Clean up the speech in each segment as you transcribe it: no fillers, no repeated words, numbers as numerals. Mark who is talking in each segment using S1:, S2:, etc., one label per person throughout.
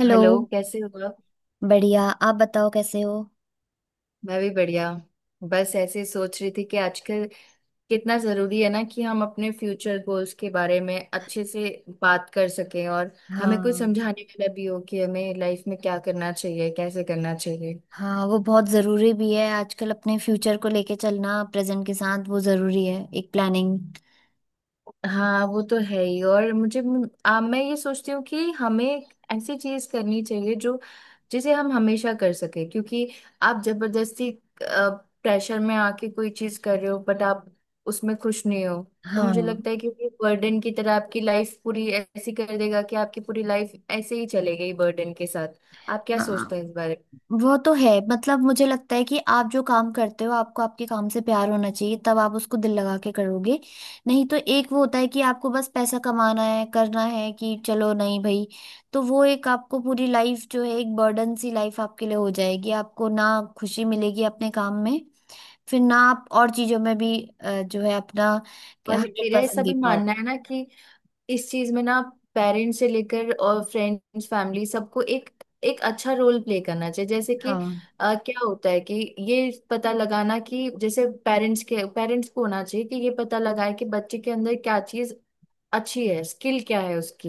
S1: Hello.
S2: Hello कैसे हो आप?
S1: बढ़िया, आप बताओ कैसे हो।
S2: मैं भी बढ़िया। बस ऐसे ही सोच रही थी कि आजकल कितना जरूरी है ना कि हम अपने फ्यूचर गोल्स के बारे में अच्छे से बात कर सकें और हमें कुछ
S1: हाँ।
S2: समझाने वाला भी हो कि हमें लाइफ में क्या करना चाहिए, कैसे करना चाहिए।
S1: हाँ, वो बहुत ज़रूरी भी है आजकल अपने फ्यूचर को लेके चलना प्रेजेंट के साथ, वो ज़रूरी है एक प्लानिंग।
S2: हाँ, वो तो है ही। और मुझे मैं ये सोचती हूँ कि हमें ऐसी चीज करनी चाहिए जो जिसे हम हमेशा कर सके, क्योंकि आप जबरदस्ती प्रेशर में आके कोई चीज कर रहे हो बट आप उसमें खुश नहीं हो। तो मुझे
S1: हाँ।
S2: लगता है कि ये बर्डन की तरह आपकी लाइफ पूरी ऐसी कर देगा कि आपकी पूरी लाइफ ऐसे ही चले गई बर्डन के साथ। आप क्या
S1: हाँ,
S2: सोचते हैं इस बारे में?
S1: वो तो है। मतलब मुझे लगता है कि आप जो काम करते हो आपको आपके काम से प्यार होना चाहिए, तब आप उसको दिल लगा के करोगे। नहीं तो एक वो होता है कि आपको बस पैसा कमाना है, करना है कि चलो नहीं भाई। तो वो एक आपको पूरी लाइफ जो है, एक बर्डन सी लाइफ आपके लिए हो जाएगी। आपको ना खुशी मिलेगी अपने काम में, फिर ना आप और चीजों में भी जो है अपना
S2: और
S1: हंड्रेड
S2: मेरा ऐसा
S1: परसेंट दे
S2: भी
S1: पाओ।
S2: मानना है ना कि इस चीज में ना, पेरेंट्स से लेकर और फ्रेंड्स, फैमिली, सबको एक एक अच्छा रोल प्ले करना चाहिए। जैसे कि
S1: हाँ।
S2: क्या होता है कि ये पता लगाना कि जैसे पेरेंट्स के, पेरेंट्स को होना चाहिए कि ये पता लगाए कि बच्चे के अंदर क्या चीज अच्छी है, स्किल क्या है उसकी।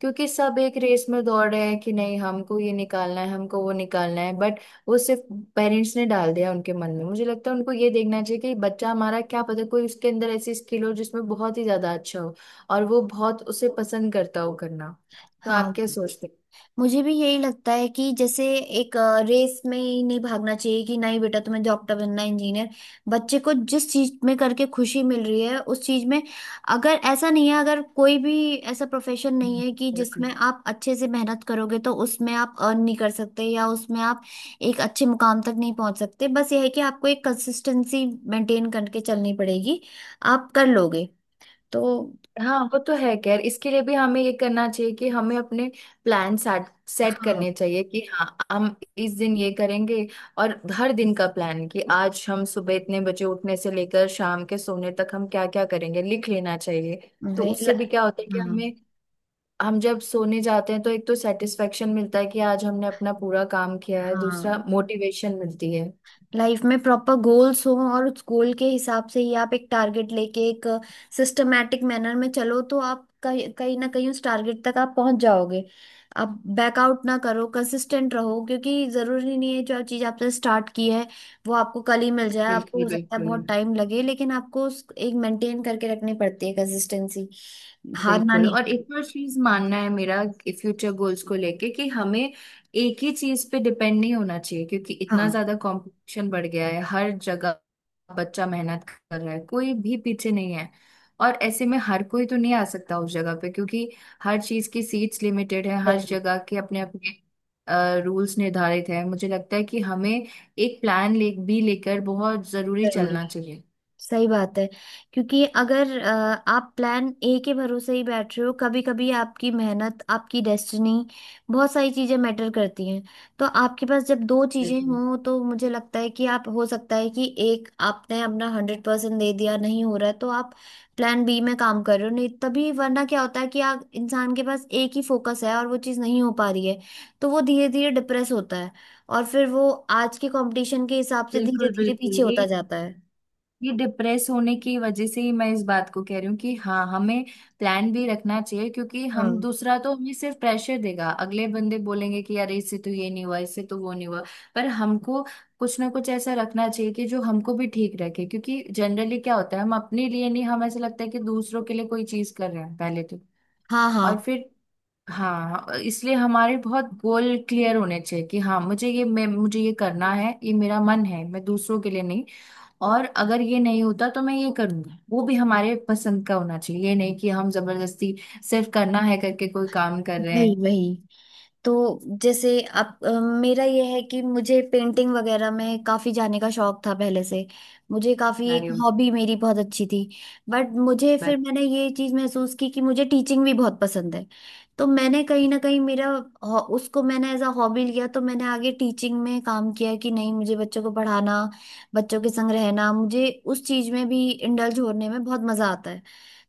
S2: क्योंकि सब एक रेस में दौड़ रहे हैं कि नहीं, हमको ये निकालना है, हमको वो निकालना है, बट वो सिर्फ पेरेंट्स ने डाल दिया उनके मन में। मुझे लगता है उनको ये देखना चाहिए कि बच्चा हमारा क्या पता कोई उसके अंदर ऐसी स्किल हो जिसमें बहुत ही ज्यादा अच्छा हो और वो बहुत उसे पसंद करता हो करना। तो
S1: हाँ,
S2: आप क्या सोचते
S1: मुझे भी यही लगता है कि जैसे एक रेस में ही नहीं भागना चाहिए कि नहीं बेटा तुम्हें डॉक्टर बनना है, इंजीनियर। बच्चे को जिस चीज में करके खुशी मिल रही है उस चीज में, अगर ऐसा नहीं है, अगर कोई भी ऐसा प्रोफेशन नहीं
S2: हैं?
S1: है कि जिसमें
S2: बिल्कुल।
S1: आप अच्छे से मेहनत करोगे, तो उसमें आप अर्न नहीं कर सकते या उसमें आप एक अच्छे मुकाम तक नहीं पहुंच सकते। बस यह है कि आपको एक कंसिस्टेंसी मेंटेन करके चलनी पड़ेगी, आप कर लोगे तो।
S2: हाँ, वो तो है। खैर, इसके लिए भी हमें ये करना चाहिए कि हमें अपने प्लान सेट सेट
S1: हाँ
S2: करने चाहिए कि हाँ, हम इस दिन ये करेंगे, और हर दिन का प्लान कि आज हम सुबह इतने बजे उठने से लेकर शाम के सोने तक हम क्या क्या करेंगे लिख लेना चाहिए। तो
S1: वही ल-।
S2: उससे भी क्या होता है कि
S1: हाँ।
S2: हमें, हम जब सोने जाते हैं तो एक तो सेटिस्फेक्शन मिलता है कि आज हमने अपना पूरा काम किया है, दूसरा
S1: हाँ,
S2: मोटिवेशन मिलती है।
S1: लाइफ में प्रॉपर गोल्स हो और उस गोल के हिसाब से ही आप एक टारगेट लेके एक सिस्टमेटिक मैनर में चलो, तो आप कहीं कहीं ना कहीं उस टारगेट तक आप पहुंच जाओगे। आप बैकआउट ना करो, कंसिस्टेंट रहो, क्योंकि जरूरी नहीं है जो चीज आपने स्टार्ट की है वो आपको कल ही मिल जाए। आपको
S2: बिल्कुल,
S1: हो सकता है
S2: बिल्कुल,
S1: बहुत टाइम लगे, लेकिन आपको उस एक मेंटेन करके रखनी पड़ती है कंसिस्टेंसी। हारना
S2: बिल्कुल।
S1: नहीं
S2: और
S1: है।
S2: एक और चीज मानना है मेरा फ्यूचर गोल्स को लेके कि हमें एक ही चीज पे डिपेंड नहीं होना चाहिए, क्योंकि इतना
S1: हाँ,
S2: ज्यादा कंपटीशन बढ़ गया है हर जगह। बच्चा मेहनत कर रहा है, कोई भी पीछे नहीं है, और ऐसे में हर कोई तो नहीं आ सकता उस जगह पे क्योंकि हर चीज की सीट्स लिमिटेड है,
S1: सही
S2: हर
S1: बात।
S2: जगह के अपने अपने रूल्स निर्धारित है। मुझे लगता है कि हमें एक प्लान ले भी लेकर बहुत जरूरी
S1: जरूरी
S2: चलना
S1: है।
S2: चाहिए।
S1: सही बात है, क्योंकि अगर आप प्लान ए के भरोसे ही बैठ रहे हो, कभी कभी आपकी मेहनत, आपकी डेस्टिनी, बहुत सारी चीजें मैटर करती हैं। तो आपके पास जब दो चीजें
S2: बिल्कुल,
S1: हों तो मुझे लगता है कि आप, हो सकता है कि एक आपने अपना 100% दे दिया, नहीं हो रहा है, तो आप प्लान बी में काम कर रहे हो। नहीं तभी वरना क्या होता है कि आप, इंसान के पास एक ही फोकस है और वो चीज नहीं हो पा रही है, तो वो धीरे धीरे डिप्रेस होता है और फिर वो आज के कंपटीशन के हिसाब से धीरे
S2: बिल्कुल।
S1: धीरे
S2: बिल्कुल,
S1: पीछे होता जाता है।
S2: ये डिप्रेस होने की वजह से ही मैं इस बात को कह रही हूँ कि हाँ, हमें प्लान भी रखना चाहिए, क्योंकि हम
S1: हाँ।
S2: दूसरा तो हमें सिर्फ प्रेशर देगा। अगले बंदे बोलेंगे कि यार इससे तो ये नहीं हुआ, इससे तो वो नहीं हुआ। पर हमको कुछ ना कुछ ऐसा रखना चाहिए कि जो हमको भी ठीक रखे, क्योंकि जनरली क्या होता है हम अपने लिए नहीं, हम ऐसा लगता है कि दूसरों के लिए कोई चीज कर रहे हैं पहले तो।
S1: हाँ। हाँ,
S2: और फिर हाँ, इसलिए हमारे बहुत गोल क्लियर होने चाहिए कि हाँ मुझे ये करना है, ये मेरा मन है, मैं दूसरों के लिए नहीं। और अगर ये नहीं होता तो मैं ये करूंगा, वो भी हमारे पसंद का होना चाहिए, ये नहीं कि हम जबरदस्ती सिर्फ करना है करके कोई काम कर रहे
S1: वही
S2: हैं।
S1: वही तो जैसे अब मेरा ये है कि मुझे पेंटिंग वगैरह में काफी जाने का शौक था पहले से। मुझे काफी, एक
S2: अरे वाह!
S1: हॉबी मेरी बहुत अच्छी थी। बट मुझे
S2: बट
S1: फिर मैंने ये चीज महसूस की कि मुझे टीचिंग भी बहुत पसंद है। तो मैंने कहीं ना कहीं मेरा हॉ- उसको मैंने एज अ हॉबी लिया। तो मैंने आगे टीचिंग में काम किया कि नहीं, मुझे बच्चों को पढ़ाना, बच्चों के संग रहना, मुझे उस चीज में भी इंडल्ज होने में बहुत मजा आता है।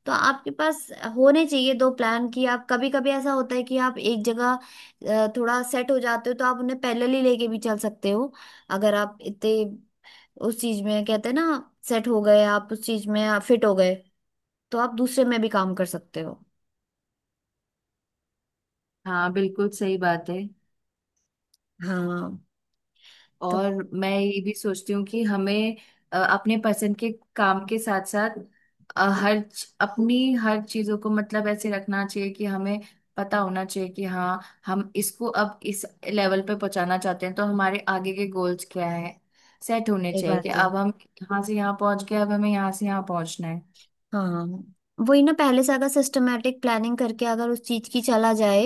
S1: तो आपके पास होने चाहिए दो प्लान कि आप, कभी कभी ऐसा होता है कि आप एक जगह थोड़ा सेट हो जाते हो, तो आप उन्हें पैरेलल ही लेके भी चल सकते हो। अगर आप इतने उस चीज में, कहते हैं ना, सेट हो गए, आप उस चीज में फिट हो गए, तो आप दूसरे में भी काम कर सकते हो।
S2: हाँ, बिल्कुल सही बात है।
S1: हाँ। तो
S2: और मैं ये भी सोचती हूँ कि हमें अपने पसंद के काम के साथ साथ अपनी हर चीजों को मतलब ऐसे रखना चाहिए कि हमें पता होना चाहिए कि हाँ, हम इसको अब इस लेवल पे पहुंचाना चाहते हैं, तो हमारे आगे के गोल्स क्या है सेट होने
S1: सही
S2: चाहिए, कि
S1: बात है।
S2: अब हम यहाँ से यहाँ पहुंच गए, अब हमें यहाँ से यहाँ पहुंचना है।
S1: हाँ, वही ना, पहले से अगर सिस्टमेटिक प्लानिंग करके अगर उस चीज की चला जाए,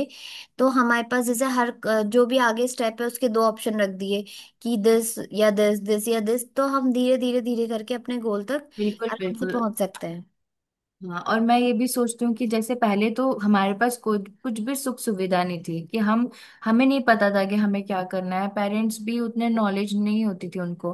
S1: तो हमारे पास जैसे हर जो भी आगे स्टेप है उसके दो ऑप्शन रख दिए कि दिस या दिस, दिस या दिस, तो हम धीरे धीरे धीरे करके अपने गोल तक
S2: बिल्कुल,
S1: आराम से
S2: बिल्कुल।
S1: पहुंच सकते हैं।
S2: हाँ, और मैं ये भी सोचती हूँ कि जैसे पहले तो हमारे पास कोई कुछ भी सुख सुविधा नहीं थी, कि हम, हमें नहीं पता था कि हमें क्या करना है, पेरेंट्स भी उतने नॉलेज नहीं होती थी उनको।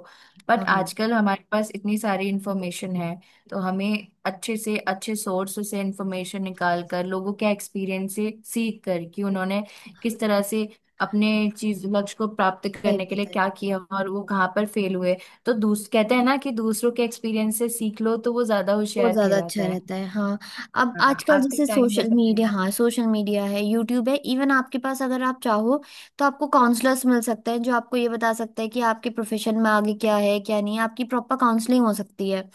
S2: बट
S1: हाँ।
S2: आजकल हमारे पास इतनी सारी इन्फॉर्मेशन है, तो हमें अच्छे से अच्छे सोर्स से इन्फॉर्मेशन निकाल कर लोगों के एक्सपीरियंस से सीख कर कि उन्होंने किस तरह से अपने चीज लक्ष्य को प्राप्त
S1: सही
S2: करने के लिए
S1: बात है।
S2: क्या किया और वो कहाँ पर फेल हुए। तो दूस कहते हैं ना कि दूसरों के एक्सपीरियंस से सीख लो तो वो ज्यादा
S1: वो
S2: होशियार
S1: ज्यादा
S2: कहलाता
S1: अच्छा
S2: है।
S1: रहता है, हाँ। अब
S2: हाँ,
S1: आजकल
S2: आपके
S1: जैसे
S2: टाइम
S1: सोशल
S2: बचता है।
S1: मीडिया, हाँ सोशल मीडिया है, यूट्यूब है, इवन आपके पास अगर आप चाहो तो आपको काउंसलर्स मिल सकते हैं जो आपको ये बता सकते हैं कि आपके प्रोफेशन में आगे क्या है क्या नहीं है। आपकी प्रॉपर काउंसलिंग हो सकती है,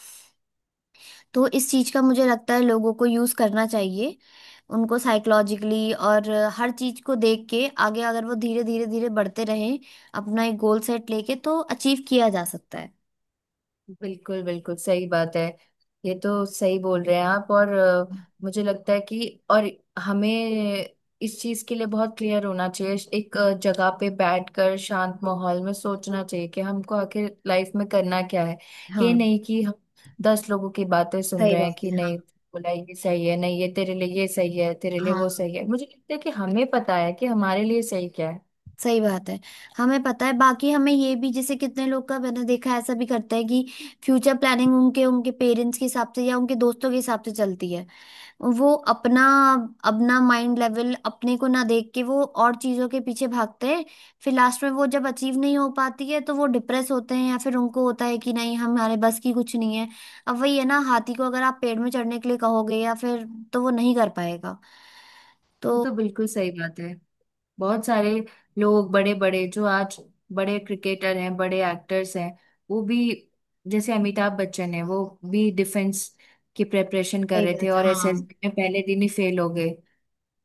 S1: तो इस चीज का मुझे लगता है लोगों को यूज करना चाहिए। उनको साइकोलॉजिकली और हर चीज को देख के आगे, अगर वो धीरे धीरे धीरे बढ़ते रहें अपना एक गोल सेट लेके, तो अचीव किया जा सकता है।
S2: बिल्कुल, बिल्कुल सही बात है। ये तो सही बोल रहे हैं आप। और मुझे लगता है कि और हमें इस चीज के लिए बहुत क्लियर होना चाहिए। एक जगह पे बैठकर शांत माहौल में सोचना चाहिए कि हमको आखिर लाइफ में करना क्या है। ये
S1: हाँ,
S2: नहीं कि हम 10 लोगों की बातें सुन
S1: सही
S2: रहे हैं
S1: बात है।
S2: कि नहीं बोला ये सही है, नहीं ये तेरे लिए ये सही है, तेरे लिए
S1: हाँ,
S2: वो सही है। मुझे लगता है कि हमें पता है कि हमारे लिए सही क्या है।
S1: सही बात है। हमें पता है। बाकी हमें ये भी, जैसे कितने लोग का मैंने देखा है, ऐसा भी करता है कि फ्यूचर प्लानिंग उनके उनके पेरेंट्स के हिसाब से या उनके दोस्तों के हिसाब से चलती है। वो अपना अपना माइंड लेवल अपने को ना देख के वो और चीजों के पीछे भागते हैं। फिर लास्ट में वो जब अचीव नहीं हो पाती है, तो वो डिप्रेस होते हैं, या फिर उनको होता है कि नहीं हमारे बस की कुछ नहीं है। अब वही है ना, हाथी को अगर आप पेड़ में चढ़ने के लिए कहोगे या फिर, तो वो नहीं कर पाएगा। तो
S2: ये तो बिल्कुल सही बात है। बहुत सारे लोग, बड़े बड़े जो आज बड़े क्रिकेटर हैं, बड़े एक्टर्स हैं, वो भी, जैसे अमिताभ बच्चन है, वो भी डिफेंस की प्रिपरेशन कर
S1: सही
S2: रहे थे
S1: बात,
S2: और
S1: हाँ।
S2: एसएसबी में पहले दिन ही फेल हो गए।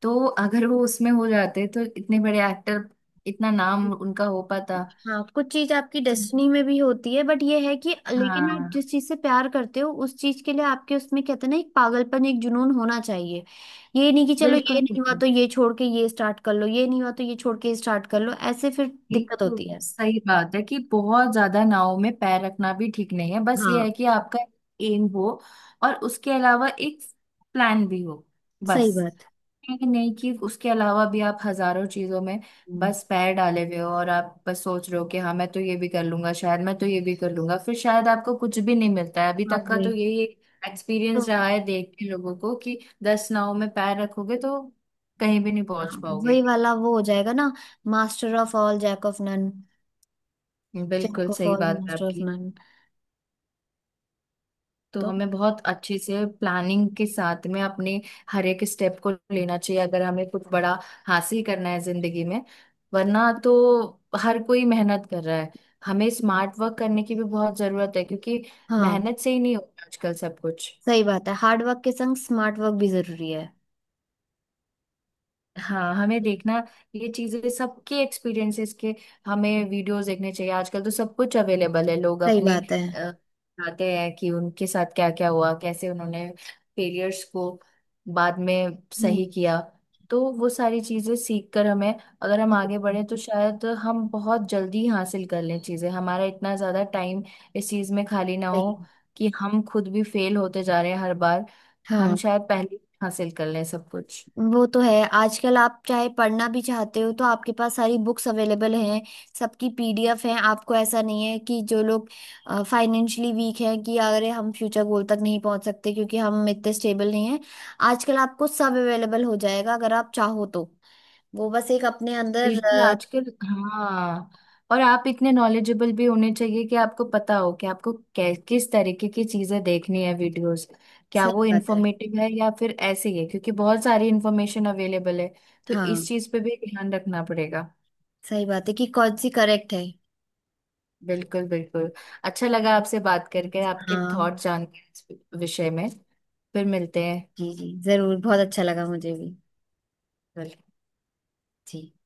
S2: तो अगर वो उसमें हो जाते तो इतने बड़े एक्टर, इतना नाम उनका हो पाता?
S1: हाँ, कुछ चीज आपकी
S2: तो
S1: डेस्टिनी में भी होती है। बट ये है कि लेकिन आप
S2: हाँ।
S1: जिस चीज से प्यार करते हो उस चीज के लिए आपके उसमें, कहते हैं ना, एक पागलपन, एक जुनून होना चाहिए। ये नहीं कि चलो
S2: बिल्कुल,
S1: ये नहीं हुआ
S2: बिल्कुल।
S1: तो ये छोड़ के ये स्टार्ट कर लो, ये नहीं हुआ तो ये छोड़ के स्टार्ट कर लो, ऐसे फिर
S2: एक
S1: दिक्कत
S2: तो
S1: होती है।
S2: सही बात है कि बहुत ज्यादा नाव में पैर रखना भी ठीक नहीं है। बस ये
S1: हाँ
S2: है कि आपका एम हो और उसके अलावा एक प्लान भी हो, बस।
S1: सही बात।
S2: ये नहीं कि उसके अलावा भी आप हजारों चीजों में
S1: हम्म।
S2: बस पैर डाले हुए हो और आप बस सोच रहे हो कि हाँ, मैं तो ये भी कर लूंगा शायद, मैं तो ये भी कर लूंगा, फिर शायद आपको कुछ भी नहीं मिलता है। अभी
S1: हाँ
S2: तक का
S1: वही।
S2: तो यही
S1: तो
S2: एक्सपीरियंस रहा है देख के लोगों को कि 10 नाव में पैर रखोगे तो कहीं भी नहीं पहुंच
S1: हाँ, वही
S2: पाओगे।
S1: वाला वो हो जाएगा ना, master of all jack of none.
S2: बिल्कुल
S1: जैक ऑफ
S2: सही
S1: ऑल
S2: बात है
S1: मास्टर ऑफ
S2: आपकी।
S1: नन।
S2: तो
S1: तो
S2: हमें बहुत अच्छे से प्लानिंग के साथ में अपने हर एक स्टेप को लेना चाहिए, अगर हमें कुछ बड़ा हासिल करना है जिंदगी में। वरना तो हर कोई मेहनत कर रहा है, हमें स्मार्ट वर्क करने की भी बहुत जरूरत है, क्योंकि
S1: हाँ,
S2: मेहनत से ही नहीं होता आजकल सब कुछ।
S1: सही बात है, हार्ड वर्क के संग स्मार्ट वर्क भी जरूरी है।
S2: हाँ, हमें देखना, ये चीजें सबके एक्सपीरियंसेस के, हमें वीडियोस देखने चाहिए। आजकल तो सब कुछ अवेलेबल है, लोग
S1: सही
S2: अपनी
S1: बात है।
S2: अ, बताते हैं कि उनके साथ क्या क्या हुआ, कैसे उन्होंने फेलियर्स को बाद में
S1: हम्म।
S2: सही किया। तो वो सारी चीजें सीख कर हमें अगर हम आगे बढ़े तो शायद हम बहुत जल्दी हासिल कर लें चीजें, हमारा इतना ज्यादा टाइम इस चीज में खाली ना हो
S1: सही।
S2: कि हम खुद भी फेल होते जा रहे हैं हर बार। हम
S1: हाँ
S2: शायद पहले ही हासिल कर लें सब कुछ।
S1: वो तो है, आजकल आप चाहे पढ़ना भी चाहते हो तो आपके पास सारी बुक्स अवेलेबल हैं, सबकी पीडीएफ हैं। आपको ऐसा नहीं है कि जो लोग फाइनेंशियली वीक हैं कि अगर हम फ्यूचर गोल तक नहीं पहुंच सकते क्योंकि हम इतने स्टेबल नहीं हैं, आजकल आपको सब अवेलेबल हो जाएगा अगर आप चाहो तो। वो बस एक अपने अंदर
S2: बिल्कुल, आजकल हाँ। और आप इतने नॉलेजेबल भी होने चाहिए कि आपको पता हो कि आपको किस तरीके की चीजें देखनी है, वीडियोस, क्या
S1: सही
S2: वो
S1: बात है।
S2: इंफॉर्मेटिव है या फिर ऐसे ही है, क्योंकि बहुत सारी इंफॉर्मेशन अवेलेबल है। तो इस
S1: हाँ
S2: चीज पे भी ध्यान रखना पड़ेगा।
S1: सही बात है, कि कौन सी करेक्ट है।
S2: बिल्कुल, बिल्कुल। अच्छा लगा आपसे बात करके, आपके
S1: हाँ
S2: थॉट जान के इस विषय में। फिर मिलते
S1: जी
S2: हैं।
S1: जी जरूर, बहुत अच्छा लगा मुझे भी। जी।